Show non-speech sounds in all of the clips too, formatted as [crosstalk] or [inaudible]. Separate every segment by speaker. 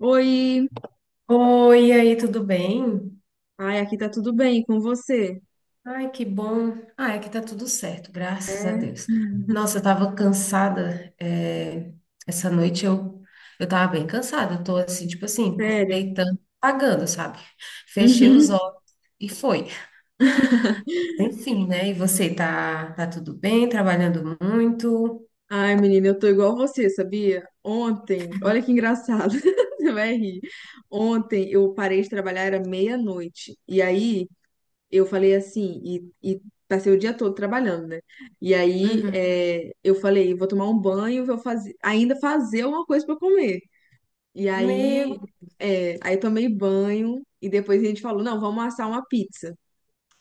Speaker 1: Oi!
Speaker 2: Oi, e aí, tudo bem?
Speaker 1: Ai, aqui tá tudo bem com você?
Speaker 2: Ai, que bom. Ah, aqui tá tudo certo, graças a
Speaker 1: É,
Speaker 2: Deus.
Speaker 1: [laughs]
Speaker 2: Nossa, eu tava cansada. Essa noite eu tava bem cansada. Eu tô assim, tipo assim,
Speaker 1: sério.
Speaker 2: deitando, apagando, sabe? Fechei os
Speaker 1: Uhum.
Speaker 2: olhos e foi. Enfim, né? E você tá tudo bem, trabalhando muito?
Speaker 1: Ai, menina, eu tô igual você, sabia? Ontem, olha que engraçado, [laughs] você vai rir. Ontem eu parei de trabalhar, era meia-noite. E aí eu falei assim, e passei o dia todo trabalhando, né? E aí
Speaker 2: Uhum.
Speaker 1: eu falei, vou tomar um banho, vou fazer, ainda fazer uma coisa pra comer. E
Speaker 2: Meu,
Speaker 1: aí, é, aí tomei banho e depois a gente falou, não, vamos assar uma pizza.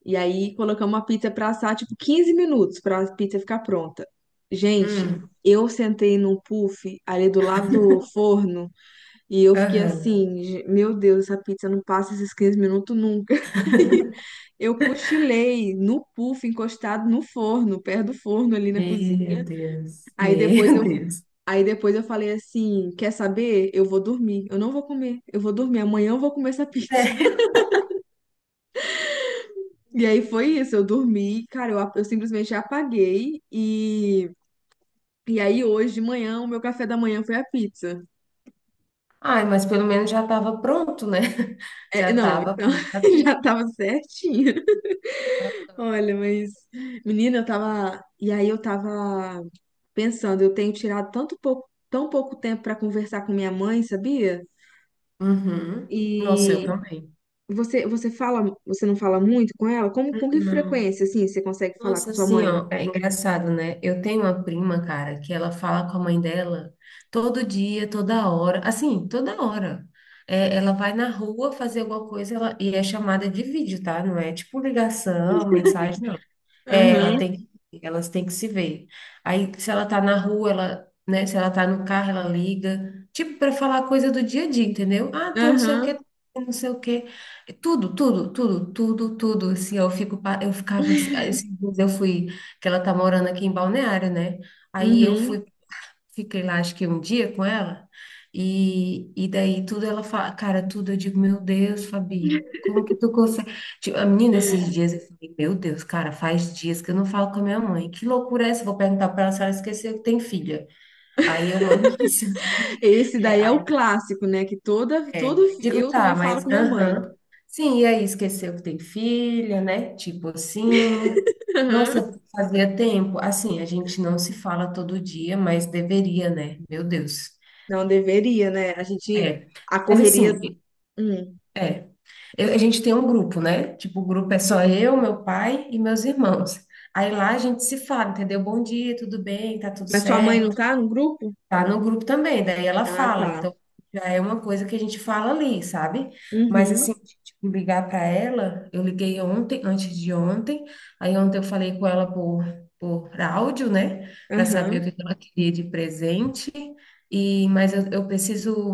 Speaker 1: E aí colocamos a pizza pra assar, tipo, 15 minutos pra a pizza ficar pronta. Gente,
Speaker 2: hum,
Speaker 1: eu sentei num puff ali do lado do forno e eu fiquei
Speaker 2: aham.
Speaker 1: assim: Meu Deus, essa pizza não passa esses 15 minutos nunca." [laughs] Aí eu cochilei no puff, encostado no forno, perto do forno ali na cozinha.
Speaker 2: Meu Deus,
Speaker 1: Aí depois
Speaker 2: meu [laughs]
Speaker 1: eu
Speaker 2: Deus.
Speaker 1: Aí depois eu falei assim, quer saber? Eu vou dormir. Eu não vou comer. Eu vou dormir. Amanhã eu vou comer essa pizza.
Speaker 2: É.
Speaker 1: E aí foi isso, eu dormi, cara, eu simplesmente apaguei e aí hoje de manhã o meu café da manhã foi a pizza.
Speaker 2: Ai, mas pelo menos já estava pronto, né? [laughs]
Speaker 1: É,
Speaker 2: Já
Speaker 1: não,
Speaker 2: estava
Speaker 1: então,
Speaker 2: pronta a
Speaker 1: [laughs]
Speaker 2: pizza.
Speaker 1: já tava certinho. Olha, mas menina, eu tava pensando, eu tenho tirado tão pouco tempo pra conversar com minha mãe, sabia?
Speaker 2: Uhum. Nossa, eu
Speaker 1: E
Speaker 2: também.
Speaker 1: você não fala muito com ela? Com que
Speaker 2: Não.
Speaker 1: frequência assim você consegue falar
Speaker 2: Nossa,
Speaker 1: com sua
Speaker 2: assim,
Speaker 1: mãe?
Speaker 2: ó, é engraçado, né? Eu tenho uma prima, cara, que ela fala com a mãe dela todo dia, toda hora, assim, toda hora. É, ela vai na rua fazer alguma coisa ela, e é chamada de vídeo, tá? Não é tipo ligação, mensagem, não. É, ela
Speaker 1: Aham,
Speaker 2: tem, elas têm que se ver. Aí, se ela tá na rua, ela, né? Se ela tá no carro, ela liga. Tipo, para falar coisa do dia a dia, entendeu? Ah, tô não sei o
Speaker 1: aham,
Speaker 2: quê, tô não sei o quê. É tudo, tudo, tudo, tudo, tudo. Assim, eu fico, eu ficava assim, aí esses dias eu fui, que ela tá morando aqui em Balneário, né? Aí eu
Speaker 1: uhum.
Speaker 2: fui. Fiquei lá, acho que um dia com ela, e daí tudo ela fala, cara, tudo eu digo, meu Deus, Fabi, como que tu consegue? Tipo, a menina, esses dias eu falei, meu Deus, cara, faz dias que eu não falo com a minha mãe, que loucura é essa? Eu vou perguntar pra ela se ela esqueceu que tem filha. Aí eu mando [laughs] mensagem,
Speaker 1: Esse
Speaker 2: é,
Speaker 1: daí é o
Speaker 2: aí,
Speaker 1: clássico, né? Que toda, todo
Speaker 2: digo,
Speaker 1: Eu também
Speaker 2: tá,
Speaker 1: falo com minha mãe.
Speaker 2: aham. Sim, e aí esqueceu que tem filha, né? Tipo assim.
Speaker 1: Aham.
Speaker 2: Nossa, fazia tempo. Assim, a gente não se fala todo dia, mas deveria, né? Meu Deus.
Speaker 1: Não deveria, né? A gente
Speaker 2: É.
Speaker 1: a
Speaker 2: Mas
Speaker 1: correria.
Speaker 2: assim,
Speaker 1: Hum.
Speaker 2: é. A gente tem um grupo, né? Tipo, o grupo é só eu, meu pai e meus irmãos. Aí lá a gente se fala, entendeu? Bom dia, tudo bem, tá tudo
Speaker 1: Mas sua mãe não
Speaker 2: certo.
Speaker 1: tá no grupo?
Speaker 2: Tá no grupo também, daí ela
Speaker 1: Ah,
Speaker 2: fala.
Speaker 1: tá.
Speaker 2: Então, já é uma coisa que a gente fala ali, sabe? Mas
Speaker 1: Uhum.
Speaker 2: assim, tipo, ligar para ela, eu liguei ontem, antes de ontem. Aí ontem eu falei com ela por áudio, né? Para saber o
Speaker 1: Aham.
Speaker 2: que que ela queria de presente. E mas eu preciso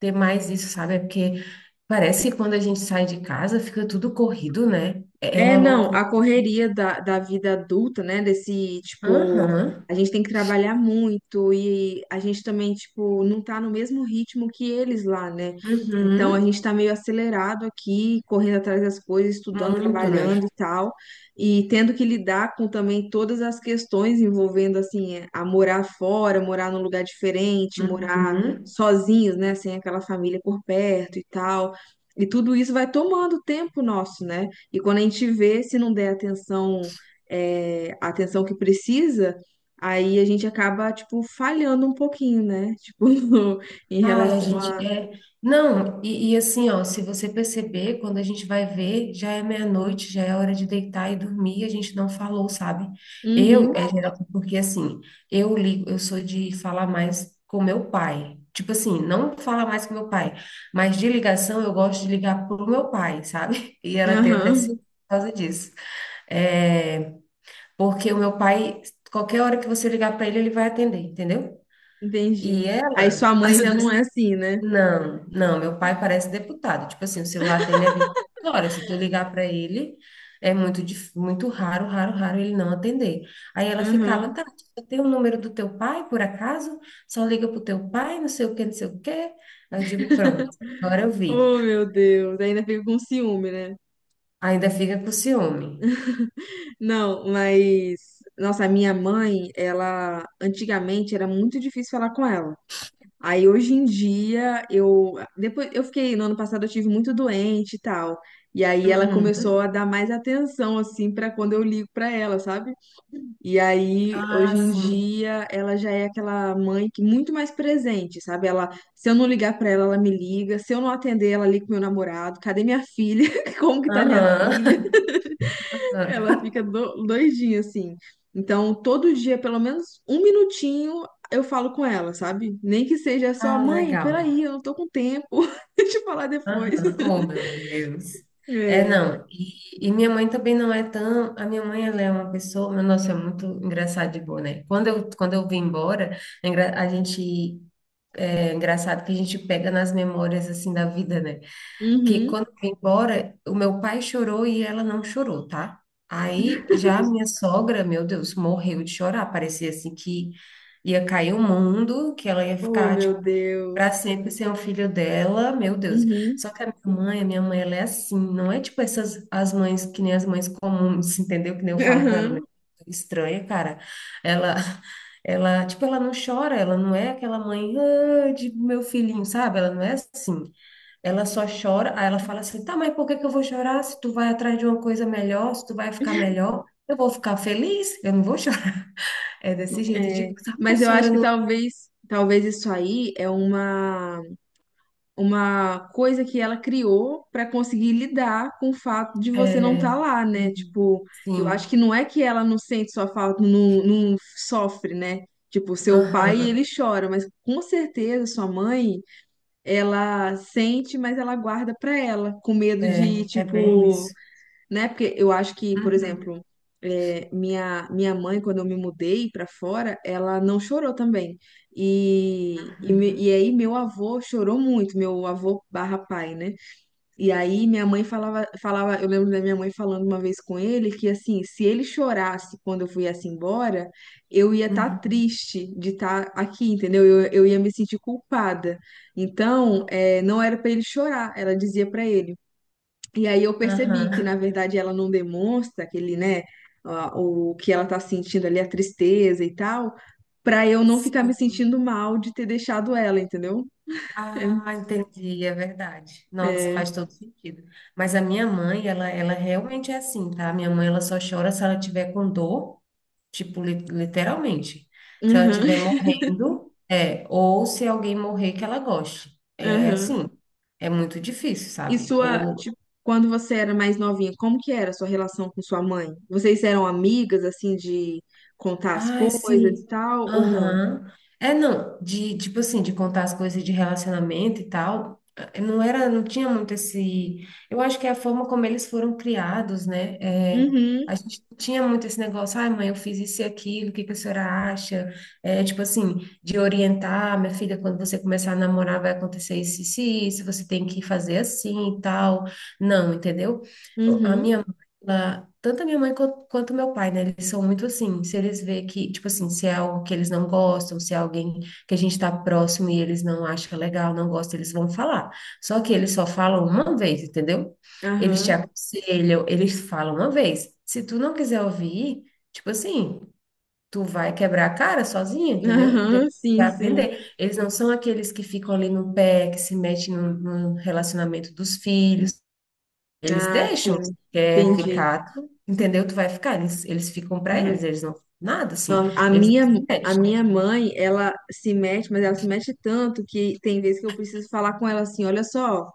Speaker 2: ter mais isso, sabe? É porque parece que quando a gente sai de casa fica tudo corrido, né? É
Speaker 1: É,
Speaker 2: uma
Speaker 1: não,
Speaker 2: loucura.
Speaker 1: a correria da vida adulta, né? Desse, tipo,
Speaker 2: Aham.
Speaker 1: a gente tem que trabalhar muito e a gente também, tipo, não tá no mesmo ritmo que eles lá, né? Então a
Speaker 2: Uhum.
Speaker 1: gente tá meio acelerado aqui, correndo atrás das coisas, estudando,
Speaker 2: Muito, né?
Speaker 1: trabalhando e tal, e tendo que lidar com também todas as questões envolvendo, assim, é, a morar fora, morar num lugar diferente, morar
Speaker 2: Uhum.
Speaker 1: sozinhos, né? Sem aquela família por perto e tal. E tudo isso vai tomando tempo nosso, né? E quando a gente vê, se não der atenção, a atenção que precisa, aí a gente acaba, tipo, falhando um pouquinho, né? Tipo, [laughs] em
Speaker 2: Ai, a
Speaker 1: relação
Speaker 2: gente
Speaker 1: a.
Speaker 2: é. Não, e assim, ó, se você perceber, quando a gente vai ver, já é meia-noite, já é hora de deitar e dormir, a gente não falou, sabe? Eu,
Speaker 1: Uhum,
Speaker 2: é geral, porque assim, eu ligo, eu sou de falar mais com meu pai. Tipo assim, não falar mais com meu pai, mas de ligação eu gosto de ligar pro meu pai, sabe? [laughs] E ela tem até
Speaker 1: aham,
Speaker 2: se por causa disso. É, porque o meu pai, qualquer hora que você ligar para ele, ele vai atender, entendeu? E
Speaker 1: entendi. Aí
Speaker 2: ela,
Speaker 1: sua mãe já não é
Speaker 2: [laughs]
Speaker 1: assim, né?
Speaker 2: não, não, meu pai parece deputado. Tipo assim, o celular dele é 24 horas. Se tu ligar para ele, é muito, muito raro, raro, raro ele não atender. Aí ela ficava,
Speaker 1: Aham.
Speaker 2: tá, eu tenho o número do teu pai, por acaso? Só liga pro teu pai, não sei o que, não sei o que. Aí eu digo, pronto, agora eu vi.
Speaker 1: Oh, meu Deus, ainda fica com ciúme, né?
Speaker 2: Ainda fica com ciúme.
Speaker 1: Não, mas. Nossa, a minha mãe, ela. Antigamente era muito difícil falar com ela. Aí hoje em dia eu, depois eu fiquei no ano passado, eu tive muito doente e tal. E aí ela começou
Speaker 2: Uhum.
Speaker 1: a dar mais atenção assim pra quando eu ligo pra ela, sabe? E aí
Speaker 2: Ah,
Speaker 1: hoje em
Speaker 2: sim.
Speaker 1: dia ela já é aquela mãe que muito mais presente, sabe? Ela Se eu não ligar pra ela, ela me liga. Se eu não atender, ela liga pro meu namorado. Cadê minha filha? [laughs] Como que tá minha filha?
Speaker 2: Aham.
Speaker 1: Ela
Speaker 2: [laughs]
Speaker 1: fica doidinha, assim. Então, todo dia, pelo menos um minutinho, eu falo com ela, sabe? Nem que seja só,
Speaker 2: Ah,
Speaker 1: mãe,
Speaker 2: legal.
Speaker 1: peraí, eu não tô com tempo. [laughs] Deixa eu falar depois.
Speaker 2: Aham. Oh,
Speaker 1: [laughs]
Speaker 2: meu Deus. É,
Speaker 1: É.
Speaker 2: não. E minha mãe também não é tão. A minha mãe, ela é uma pessoa. Meu, nossa, é muito engraçado de boa, né? Quando quando eu vim embora, a gente. É engraçado que a gente pega nas memórias, assim, da vida, né? Que
Speaker 1: Uhum.
Speaker 2: quando eu fui embora, o meu pai chorou e ela não chorou, tá? Aí já a minha sogra, meu Deus, morreu de chorar. Parecia assim que ia cair o mundo, que ela ia
Speaker 1: Oh,
Speaker 2: ficar,
Speaker 1: meu
Speaker 2: tipo, para
Speaker 1: Deus.
Speaker 2: sempre sem o filho dela, meu Deus.
Speaker 1: Uhum.
Speaker 2: Só que a minha mãe, ela é assim, não é tipo essas as mães que nem as mães comuns, entendeu? Que nem eu falo para ela, "Meu
Speaker 1: Aham.
Speaker 2: Deus, estranha, cara. Ela Ela, tipo, ela não chora, ela não é aquela mãe, ah, de meu filhinho, sabe? Ela não é assim. Ela só chora, aí ela fala assim: tá, mas por que que eu vou chorar? Se tu vai atrás de uma coisa melhor, se tu vai ficar melhor, eu vou ficar feliz, eu não vou chorar. [laughs] É desse jeito, eu digo,
Speaker 1: É.
Speaker 2: tá,
Speaker 1: Mas
Speaker 2: mas a
Speaker 1: eu acho
Speaker 2: senhora
Speaker 1: que
Speaker 2: não.
Speaker 1: talvez isso aí é Uma. Coisa que ela criou para conseguir lidar com o fato de você não estar
Speaker 2: É...
Speaker 1: lá, né?
Speaker 2: uhum,
Speaker 1: Tipo, eu acho que
Speaker 2: sim,
Speaker 1: não é que ela não sente sua falta, não, não sofre, né? Tipo, seu pai,
Speaker 2: aham,
Speaker 1: ele chora, mas com certeza sua mãe, ela sente, mas ela guarda pra ela, com medo de,
Speaker 2: é, é bem
Speaker 1: tipo,
Speaker 2: isso.
Speaker 1: né? Porque eu acho que, por
Speaker 2: Uhum,
Speaker 1: exemplo, minha mãe, quando eu me mudei pra fora, ela não chorou também. E, e, me-
Speaker 2: uhum,
Speaker 1: e aí meu avô chorou muito, meu avô barra pai, né? E aí minha mãe falava, eu lembro da minha mãe falando uma vez com ele que assim, se ele chorasse quando eu viesse embora, eu ia estar
Speaker 2: uhum.
Speaker 1: triste de estar aqui, entendeu? Eu ia me sentir culpada. Então,
Speaker 2: Não,
Speaker 1: não era pra ele chorar, ela dizia pra ele. E aí eu percebi que, na
Speaker 2: aham,
Speaker 1: verdade, ela não demonstra aquele, né, o que ela tá sentindo ali, a tristeza e tal, pra eu não ficar me
Speaker 2: sim.
Speaker 1: sentindo mal de ter deixado ela, entendeu? É.
Speaker 2: Ah, entendi, é verdade. Nossa,
Speaker 1: É.
Speaker 2: faz
Speaker 1: Aham,
Speaker 2: todo sentido. Mas a minha ela realmente é assim, tá? Minha mãe, ela só chora se ela tiver com dor. Tipo, literalmente. Se ela estiver
Speaker 1: [laughs]
Speaker 2: morrendo, é, ou se alguém morrer que ela goste. É
Speaker 1: aham.
Speaker 2: assim, é muito difícil,
Speaker 1: E
Speaker 2: sabe? Ou
Speaker 1: tipo, quando você era mais novinha, como que era a sua relação com sua mãe? Vocês eram amigas, assim, de contar as
Speaker 2: ah,
Speaker 1: coisas e
Speaker 2: sim.
Speaker 1: tal, ou não?
Speaker 2: Aham. É, não, de, tipo assim, de contar as coisas de relacionamento e tal, não era, não tinha muito esse, eu acho que é a forma como eles foram criados, né, é, a
Speaker 1: Uhum,
Speaker 2: gente não tinha muito esse negócio, ai mãe, eu fiz isso e aquilo, o que que a senhora acha? É, tipo assim, de orientar, minha filha, quando você começar a namorar vai acontecer isso, isso, e isso, você tem que fazer assim e tal, não, entendeu? A
Speaker 1: uhum,
Speaker 2: minha tanto a minha mãe quanto meu pai, né? Eles são muito assim, se eles vê que, tipo assim, se é algo que eles não gostam, se é alguém que a gente tá próximo e eles não acham legal, não gostam, eles vão falar. Só que eles só falam uma vez, entendeu? Eles te
Speaker 1: aham,
Speaker 2: aconselham, eles falam uma vez. Se tu não quiser ouvir, tipo assim, tu vai quebrar a cara sozinha, entendeu? E
Speaker 1: aham,
Speaker 2: depois
Speaker 1: sim,
Speaker 2: vai
Speaker 1: sim.
Speaker 2: aprender. Eles não são aqueles que ficam ali no pé, que se metem no relacionamento dos filhos. Eles
Speaker 1: Ah,
Speaker 2: deixam,
Speaker 1: sim,
Speaker 2: quer
Speaker 1: entendi.
Speaker 2: ficar, entendeu? Tu vai ficar. Eles ficam pra eles, eles não nada assim.
Speaker 1: A
Speaker 2: Eles não se
Speaker 1: minha, a
Speaker 2: mexem.
Speaker 1: minha mãe, ela se mete, mas ela se mete tanto que tem vezes que eu preciso falar com ela assim: olha só,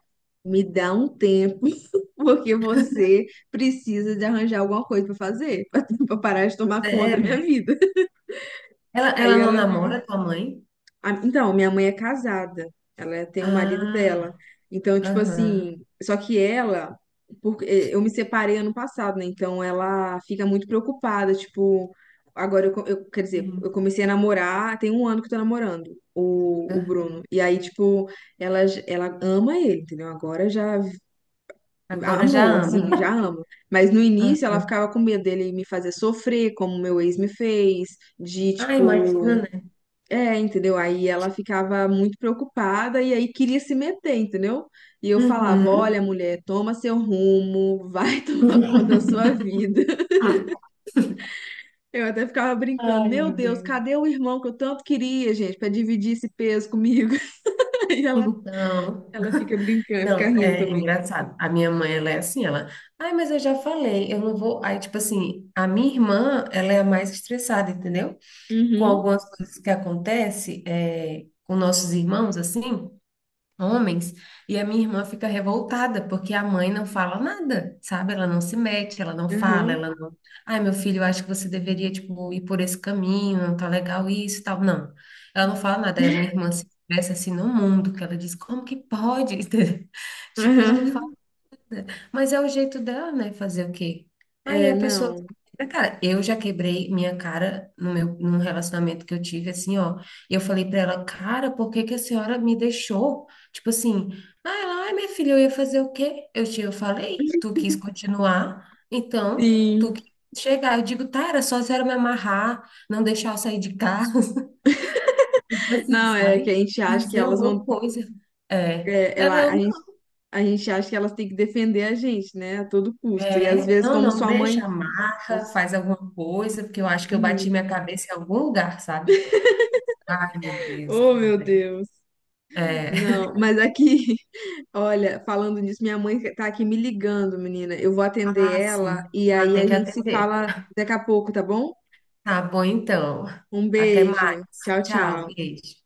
Speaker 1: me dá um tempo, [laughs] porque você precisa de arranjar alguma coisa para fazer, [laughs] para parar de tomar conta da minha
Speaker 2: Sério?
Speaker 1: vida.
Speaker 2: Ela
Speaker 1: Aí
Speaker 2: não
Speaker 1: ela
Speaker 2: namora tua mãe?
Speaker 1: Então, minha mãe é casada, tem o marido dela.
Speaker 2: Ah,
Speaker 1: Então, tipo
Speaker 2: aham,
Speaker 1: assim, só que ela, porque eu me separei ano passado, né? Então ela fica muito preocupada, tipo, agora quer dizer, eu
Speaker 2: sim.
Speaker 1: comecei a namorar, tem um ano que eu tô namorando o
Speaker 2: Aham.
Speaker 1: Bruno. E aí, tipo, ela ama ele, entendeu? Agora já
Speaker 2: Agora já
Speaker 1: amou,
Speaker 2: amo.
Speaker 1: assim, já
Speaker 2: [laughs]
Speaker 1: ama. Mas no início
Speaker 2: Ah,
Speaker 1: ela ficava com medo dele me fazer sofrer, como meu ex me fez, de,
Speaker 2: ah,
Speaker 1: tipo.
Speaker 2: imagina, né?
Speaker 1: É, entendeu? Aí ela ficava muito preocupada e aí queria se meter, entendeu? E eu falava:
Speaker 2: Uhum.
Speaker 1: Olha, mulher, toma seu rumo, vai [laughs] tomar conta da sua
Speaker 2: [laughs]
Speaker 1: vida. [laughs] Eu até ficava brincando:
Speaker 2: Ai,
Speaker 1: Meu
Speaker 2: meu
Speaker 1: Deus,
Speaker 2: Deus.
Speaker 1: cadê o irmão que eu tanto queria, gente, pra dividir esse peso comigo? [laughs] Aí ela,
Speaker 2: Então,
Speaker 1: ela fica brincando, fica
Speaker 2: não,
Speaker 1: rindo
Speaker 2: é
Speaker 1: também.
Speaker 2: engraçado. A minha mãe, ela é assim, ela, ai, mas eu já falei, eu não vou. Aí, tipo assim, a minha irmã, ela é a mais estressada, entendeu? Com
Speaker 1: Uhum,
Speaker 2: algumas coisas que acontecem é, com nossos irmãos, assim, homens, e a minha irmã fica revoltada, porque a mãe não fala nada, sabe? Ela não se mete, ela não fala,
Speaker 1: aham,
Speaker 2: ela não. Ai, meu filho, eu acho que você deveria, tipo, ir por esse caminho, não tá legal isso e tal. Não, ela não fala nada. Aí a minha irmã se expressa assim no mundo, que ela diz, como que pode? [laughs] Tipo, ela não
Speaker 1: aham.
Speaker 2: fala. Mas é o jeito dela, né? Fazer o quê? Aí
Speaker 1: É,
Speaker 2: a pessoa.
Speaker 1: não.
Speaker 2: Cara, eu já quebrei minha cara no meu, num relacionamento que eu tive, assim, ó. E eu falei pra ela, cara, por que que a senhora me deixou? Tipo assim, ah, ela, ai, minha filha, eu ia fazer o quê? Eu falei, tu quis continuar, então tu
Speaker 1: Sim.
Speaker 2: quis chegar. Eu digo, tá, era só a senhora me amarrar, não deixar eu sair de casa, [laughs] tipo assim,
Speaker 1: Não, é que a
Speaker 2: sabe?
Speaker 1: gente acha que
Speaker 2: Fazer
Speaker 1: elas
Speaker 2: alguma
Speaker 1: vão.
Speaker 2: coisa. É.
Speaker 1: é,
Speaker 2: Ela,
Speaker 1: ela,
Speaker 2: eu.
Speaker 1: a gente, a gente acha que elas têm que defender a gente, né, a todo custo. E às
Speaker 2: É,
Speaker 1: vezes,
Speaker 2: não,
Speaker 1: como
Speaker 2: não,
Speaker 1: sua mãe.
Speaker 2: deixa, amarra,
Speaker 1: Nossa.
Speaker 2: faz alguma coisa, porque eu acho que eu bati
Speaker 1: Uhum.
Speaker 2: minha cabeça em algum lugar, sabe? Ai, meu Deus,
Speaker 1: Oh, meu
Speaker 2: cara.
Speaker 1: Deus.
Speaker 2: É.
Speaker 1: Não, mas aqui, [laughs] olha, falando nisso, minha mãe tá aqui me ligando, menina. Eu vou atender
Speaker 2: Ah,
Speaker 1: ela
Speaker 2: sim.
Speaker 1: e
Speaker 2: Ah,
Speaker 1: aí a
Speaker 2: tem que
Speaker 1: gente se
Speaker 2: atender.
Speaker 1: fala daqui a pouco, tá bom?
Speaker 2: Tá bom, então.
Speaker 1: Um
Speaker 2: Até
Speaker 1: beijo.
Speaker 2: mais.
Speaker 1: Tchau,
Speaker 2: Tchau,
Speaker 1: tchau.
Speaker 2: beijo.